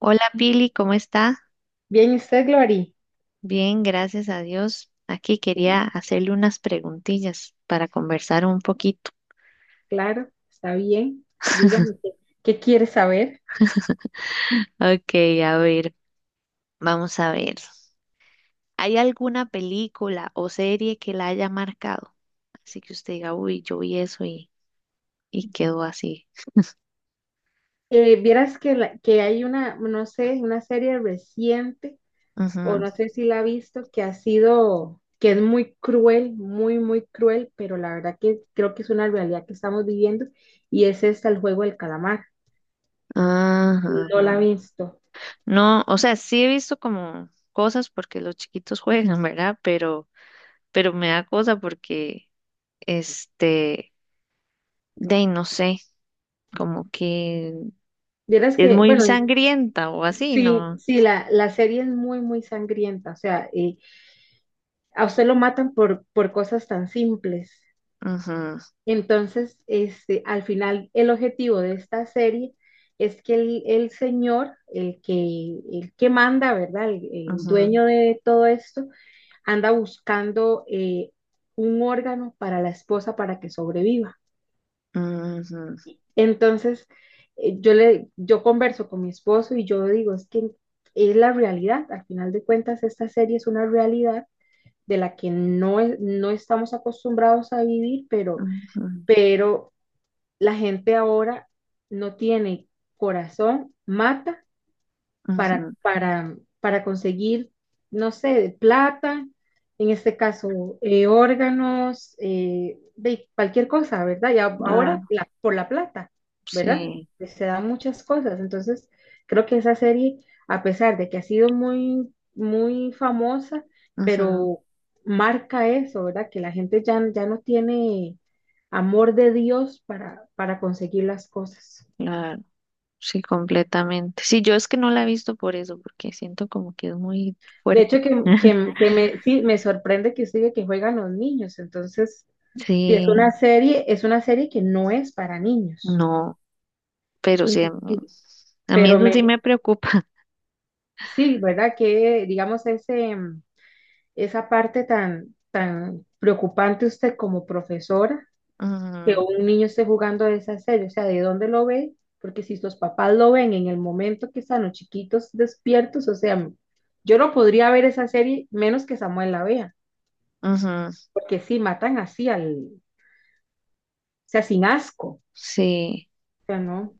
Hola Pili, ¿cómo está? Bien, ¿y usted, Glory? Bien, gracias a Dios. Aquí quería Bien, hacerle unas preguntillas para conversar un poquito. claro, está bien. Dígame qué. ¿Qué quiere saber? Ok, a ver, vamos a ver. ¿Hay alguna película o serie que la haya marcado? Así que usted diga, uy, yo vi eso y quedó así. Vieras que, que hay una, no sé, una serie reciente, o Ujú. no sé si la ha visto, que ha sido, que es muy cruel, muy, muy cruel, pero la verdad que creo que es una realidad que estamos viviendo, y es esta, el juego del calamar. Ah, Ajá, No la ha ajá. visto. No, o sea, sí he visto como cosas porque los chiquitos juegan, ¿verdad? Pero me da cosa porque, este, de ahí no sé, como que Vieras es que, muy bueno, sangrienta o así, sí, ¿no? sí, la serie es muy, muy sangrienta, o sea, a usted lo matan por cosas tan simples. Ujú, Entonces, este, al final, el objetivo de esta serie es que el señor, el que manda, ¿verdad? El ujú, dueño de todo esto, anda buscando un órgano para la esposa para que sobreviva. ujú, Entonces, yo, le, yo converso con mi esposo y yo digo, es que es la realidad, al final de cuentas, esta serie es una realidad de la que no, es no estamos acostumbrados a vivir, ujú, pero la gente ahora no tiene corazón, mata ujú, para conseguir, no sé, plata, en este caso, órganos, de cualquier cosa, ¿verdad? Y ahora claro, por la plata, ¿verdad? sí, Pues se dan muchas cosas. Entonces, creo que esa serie, a pesar de que ha sido muy, muy famosa, ujú, pero marca eso, ¿verdad? Que la gente ya, ya no tiene amor de Dios para conseguir las cosas. claro, sí, completamente. Sí, yo es que no la he visto por eso, porque siento como que es muy De hecho, fuerte. Que me, sí, me sorprende que usted diga que juegan los niños. Entonces, y Sí, es una serie que no es para niños. no, pero sí, Inclusi- a mí Pero eso sí me, me preocupa. sí, ¿verdad? Que digamos ese, esa parte tan, tan preocupante usted como profesora, que Ujú, un niño esté jugando a esa serie, o sea, ¿de dónde lo ve? Porque si sus papás lo ven en el momento que están los chiquitos despiertos, o sea, yo no podría ver esa serie menos que Samuel la vea, ujú, porque sí, matan así al, sea, sin asco, o sí. sea, no,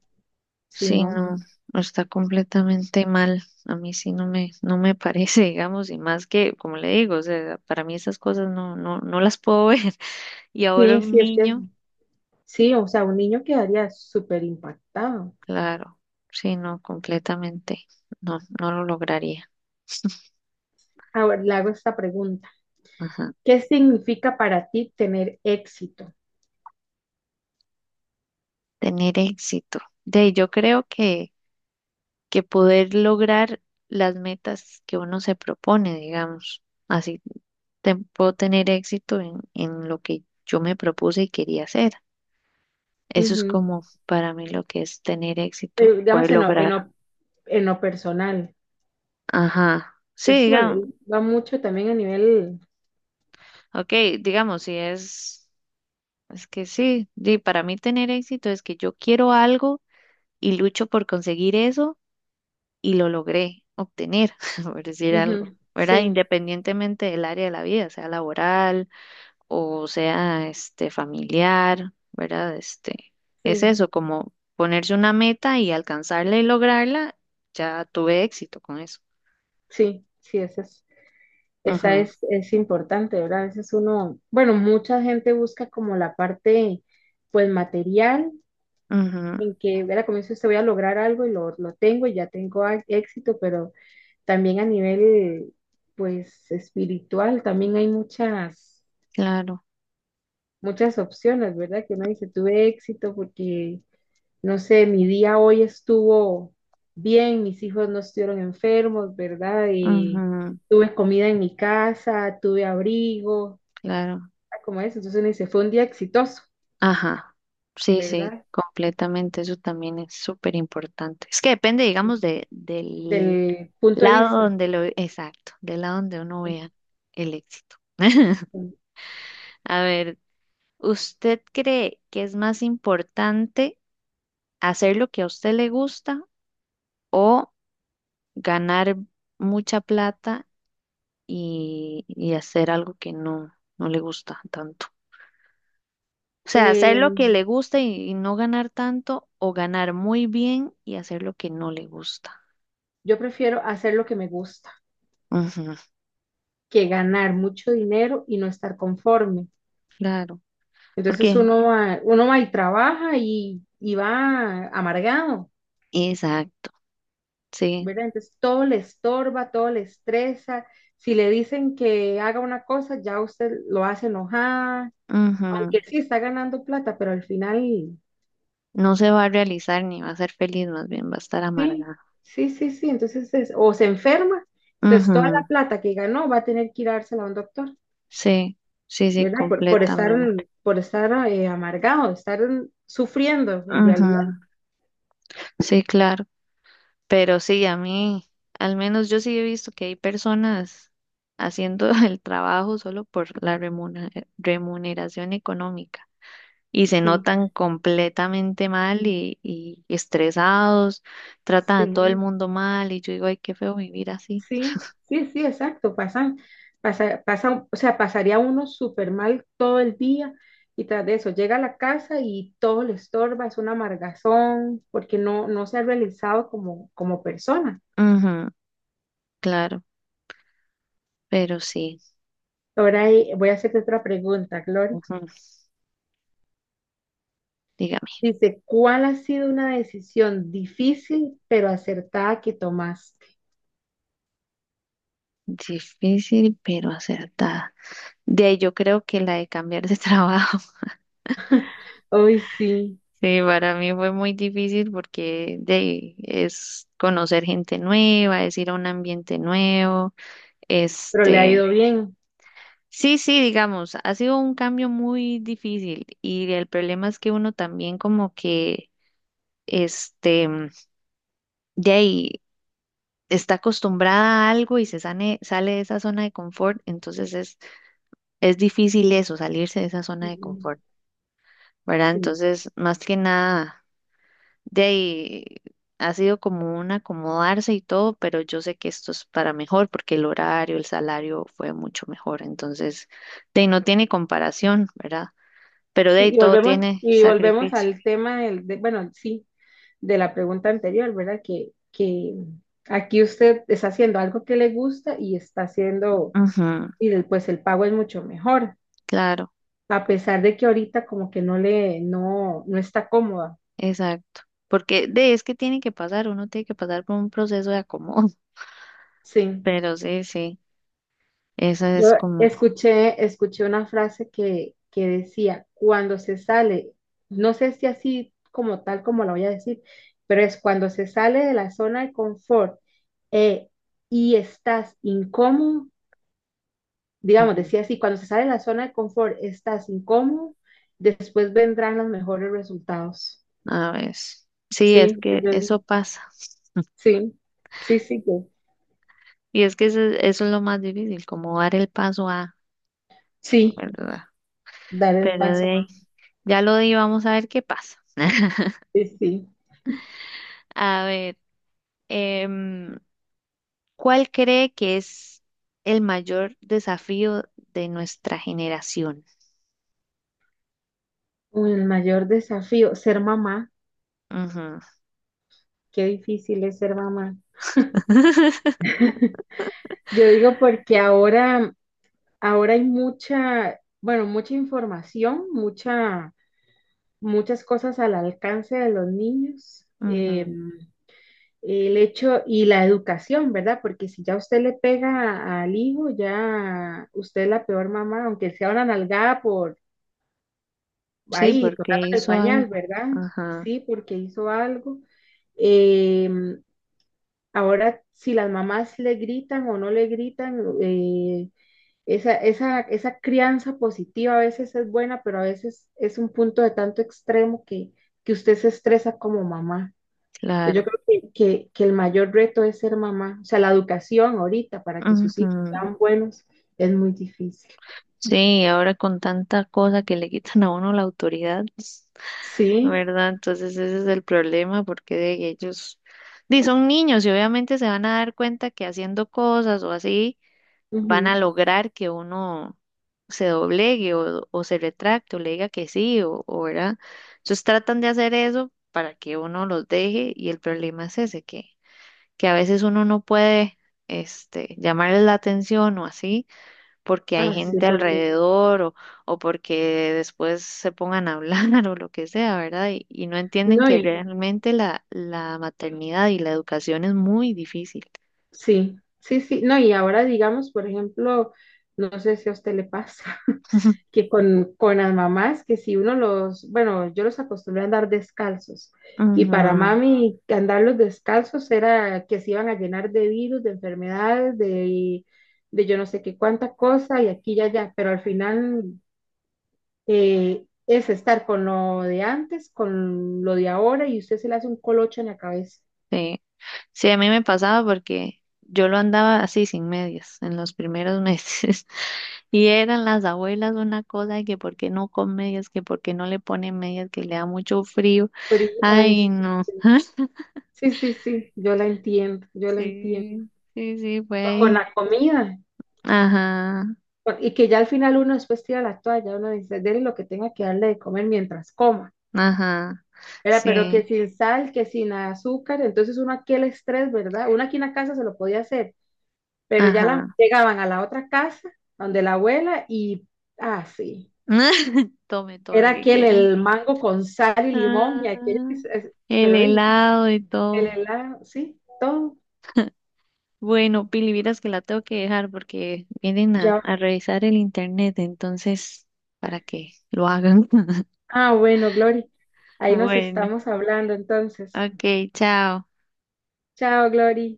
sí, Sí, no. no, está completamente mal. A mí sí no me parece, digamos, y más que, como le digo, o sea, para mí esas cosas no, no, no las puedo ver. Y ahora Sí, un sí, es que niño, sí, o sea, un niño quedaría súper impactado. claro, sí, no, completamente, no, no lo lograría. Ahora le hago esta pregunta. Ajá. ¿Qué significa para ti tener éxito? Tener éxito. De ahí yo creo que poder lograr las metas que uno se propone, digamos, así puedo tener éxito en lo que yo me propuse y quería hacer. Eso es Ujú. como para mí lo que es tener éxito, Pero, digamos, poder en lo, lograr. En lo personal. Ajá. Sí, Pues sí, digamos, bueno, va mucho también a nivel... ok, digamos, si es, es que sí, di, para mí tener éxito es que yo quiero algo y lucho por conseguir eso y lo logré obtener, por decir algo, Ujú, ¿verdad? sí, Independientemente del área de la vida, sea laboral o sea, familiar, ¿verdad? Es sí, eso, como ponerse una meta y alcanzarla y lograrla, ya tuve éxito con eso. sí, sí, esa Ujú, es importante, ¿verdad? A veces uno, bueno, mucha gente busca como la parte, pues, material ujú, en que era como dice usted, voy a lograr algo y lo tengo y ya tengo éxito, pero también a nivel, pues, espiritual, también hay muchas, claro, muchas opciones, ¿verdad? Que uno dice, tuve éxito porque, no sé, mi día hoy estuvo bien, mis hijos no estuvieron enfermos, ¿verdad? Y ujú, tuve comida en mi casa, tuve abrigo, claro, como eso, entonces uno dice, fue un día exitoso, ajá, sí, sí, ¿verdad? completamente, eso también es súper importante. Es que depende, digamos, del Del punto de lado vista. donde lo, exacto, del lado donde uno vea el éxito. A ver, ¿usted cree que es más importante hacer lo que a usted le gusta o ganar mucha plata y hacer algo que no, no le gusta tanto? O sea, hacer Eh, lo que le gusta y no ganar tanto o ganar muy bien y hacer lo que no le gusta. Yo prefiero hacer lo que me gusta Ujú, que ganar mucho dinero y no estar conforme. claro. Porque, Entonces uno va y trabaja y va amargado, exacto, sí. ¿verdad? Entonces todo le estorba, todo le estresa. Si le dicen que haga una cosa, ya usted lo hace enojada, Ujú, aunque sí está ganando plata, pero al final, no se va a realizar ni va a ser feliz, más bien va a estar sí, amargada. sí, sí, sí. Entonces, o se enferma, entonces toda Ujú, la plata que ganó va a tener que ir a dársela a un doctor. sí, sí, sí, ¿Verdad? Completamente. Por estar amargado, estar sufriendo en Ujú, realidad. sí, claro. Pero sí, a mí, al menos yo sí he visto que hay personas haciendo el trabajo solo por la remuneración económica. Y se Sí, notan completamente mal y estresados, tratan a todo el sí, mundo mal y yo digo, ay, qué feo vivir así. sí, sí, sí, exacto. Pasan, pasa, pasa, o sea, pasaría uno súper mal todo el día y tras de eso llega a la casa y todo le estorba, es una amargazón porque no, no se ha realizado como, como persona. Ujú, claro, pero sí, Ahora voy a hacerte otra pregunta, Gloria. ujú, dígame, Dice, ¿cuál ha sido una decisión difícil pero acertada que tomaste? difícil pero acertada. De ahí yo creo que la de cambiar de trabajo, Hoy sí. sí, para mí fue muy difícil porque de ahí es conocer gente nueva, es ir a un ambiente nuevo, Pero le ha ido este, bien. sí, sí, digamos, ha sido un cambio muy difícil y el problema es que uno también como que, este, de ahí está acostumbrada a algo y se sale de esa zona de confort, entonces es difícil eso, salirse de esa zona de Ujú. confort, ¿verdad? Sí, Entonces, más que nada, de ahí ha sido como un acomodarse y todo, pero yo sé que esto es para mejor porque el horario, el salario fue mucho mejor, entonces, de ahí no tiene comparación, ¿verdad? Pero de sí, ahí todo tiene y volvemos sacrificio. al tema del, bueno, sí, de la pregunta anterior, ¿verdad? Que aquí usted está haciendo algo que le gusta y está haciendo, Ujú. y pues el pago es mucho mejor, Claro, a pesar de que ahorita como que no le, no, no está cómoda. exacto. Porque de es que tiene que pasar, uno tiene que pasar por un proceso de acomodo. Sí. Pero sí, sí, esa Yo es como, escuché, escuché una frase que decía, cuando se sale, no sé si así como tal como la voy a decir, pero es cuando se sale de la zona de confort eh, y estás incómodo, digamos, ujú, decía así, cuando se sale de la zona de confort, estás incómodo, después vendrán los mejores resultados. a ver, sí, es Sí, que eso pasa. sí, sí, sí, Y es que eso es lo más difícil, como dar el paso a, sí, ¿verdad? dar el Pero de paso. ahí, ya lo di, vamos a ver qué pasa. Sí, sí. A ver, em, ¿cuál cree que es el mayor desafío de nuestra generación? El mayor desafío, ser mamá. Ujú, Qué difícil es ser mamá. Yo digo porque ahora, ahora hay mucha, bueno, mucha información, mucha, muchas cosas al alcance de los niños. Ujú. El hecho y la educación, ¿verdad? Porque si ya usted le pega al hijo, ya usted es la peor mamá, aunque sea una nalgada por Sí, ahí, porque tocando el hizo pañal, algo. ¿verdad? Ajá, Sí, porque hizo algo. Eh, Ahora, si las mamás le gritan o no le gritan, esa crianza positiva a veces es buena, pero a veces es un punto de tanto extremo que usted se estresa como mamá. Entonces, yo claro. creo que el mayor reto es ser mamá. O sea, la educación ahorita para que sus hijos Ujú. sean buenos es muy difícil. Sí, ahora con tanta cosa que le quitan a uno la autoridad, Sí, ¿verdad? Entonces ese es el problema porque de ellos di, son niños y obviamente se van a dar cuenta que haciendo cosas o así van a ujú. lograr que uno se doblegue o se retracte o le diga que sí o ¿verdad? Entonces tratan de hacer eso para que uno los deje y el problema es ese que a veces uno no puede llamarles la atención o así, porque hay Ah, sí, gente porque alrededor o porque después se pongan a hablar o lo que sea, ¿verdad? Y no entienden no, que y realmente la maternidad y la educación es muy difícil. sí, sí, sí, no, y ahora digamos, por ejemplo, no sé si a usted le pasa, que con las mamás, que si uno los, bueno, yo los acostumbré a andar descalzos. Y para Ujú, mami, andarlos descalzos era que se iban a llenar de virus, de enfermedades, de yo no sé qué cuánta cosa, y aquí y allá. Pero al final es estar con lo de antes, con lo de ahora, y usted se le hace un colocho en la cabeza. sí. Sí, a mí me pasaba porque yo lo andaba así sin medias en los primeros meses y eran las abuelas una cosa de que por qué no con medias, que por qué no le ponen medias, que le da mucho frío. Pero, ay, Ay, no. sí, sí, sí, yo la entiendo, yo la entiendo. Sí, sí, sí, fue O con ahí. la comida, Ajá, y que ya al final uno después tira la toalla, uno dice, dele lo que tenga que darle de comer mientras coma, ajá, ¿verdad? Pero que sí, sin sal, que sin azúcar, entonces uno aquí el estrés, ¿verdad? Uno aquí en la casa se lo podía hacer, pero ya la, ajá. llegaban a la otra casa, donde la abuela, y, ah, sí, Tome todo lo era que aquel quiera. el mango con sal y limón, y aquello, Ah, el pero dije, helado y el todo. helado, sí, todo, Bueno, Pili, vieras que la tengo que dejar porque vienen ya. a revisar el internet, entonces, para que lo hagan. Ah, bueno, Glory, ahí nos Bueno, estamos hablando entonces. ok, chao. Chao, Glory.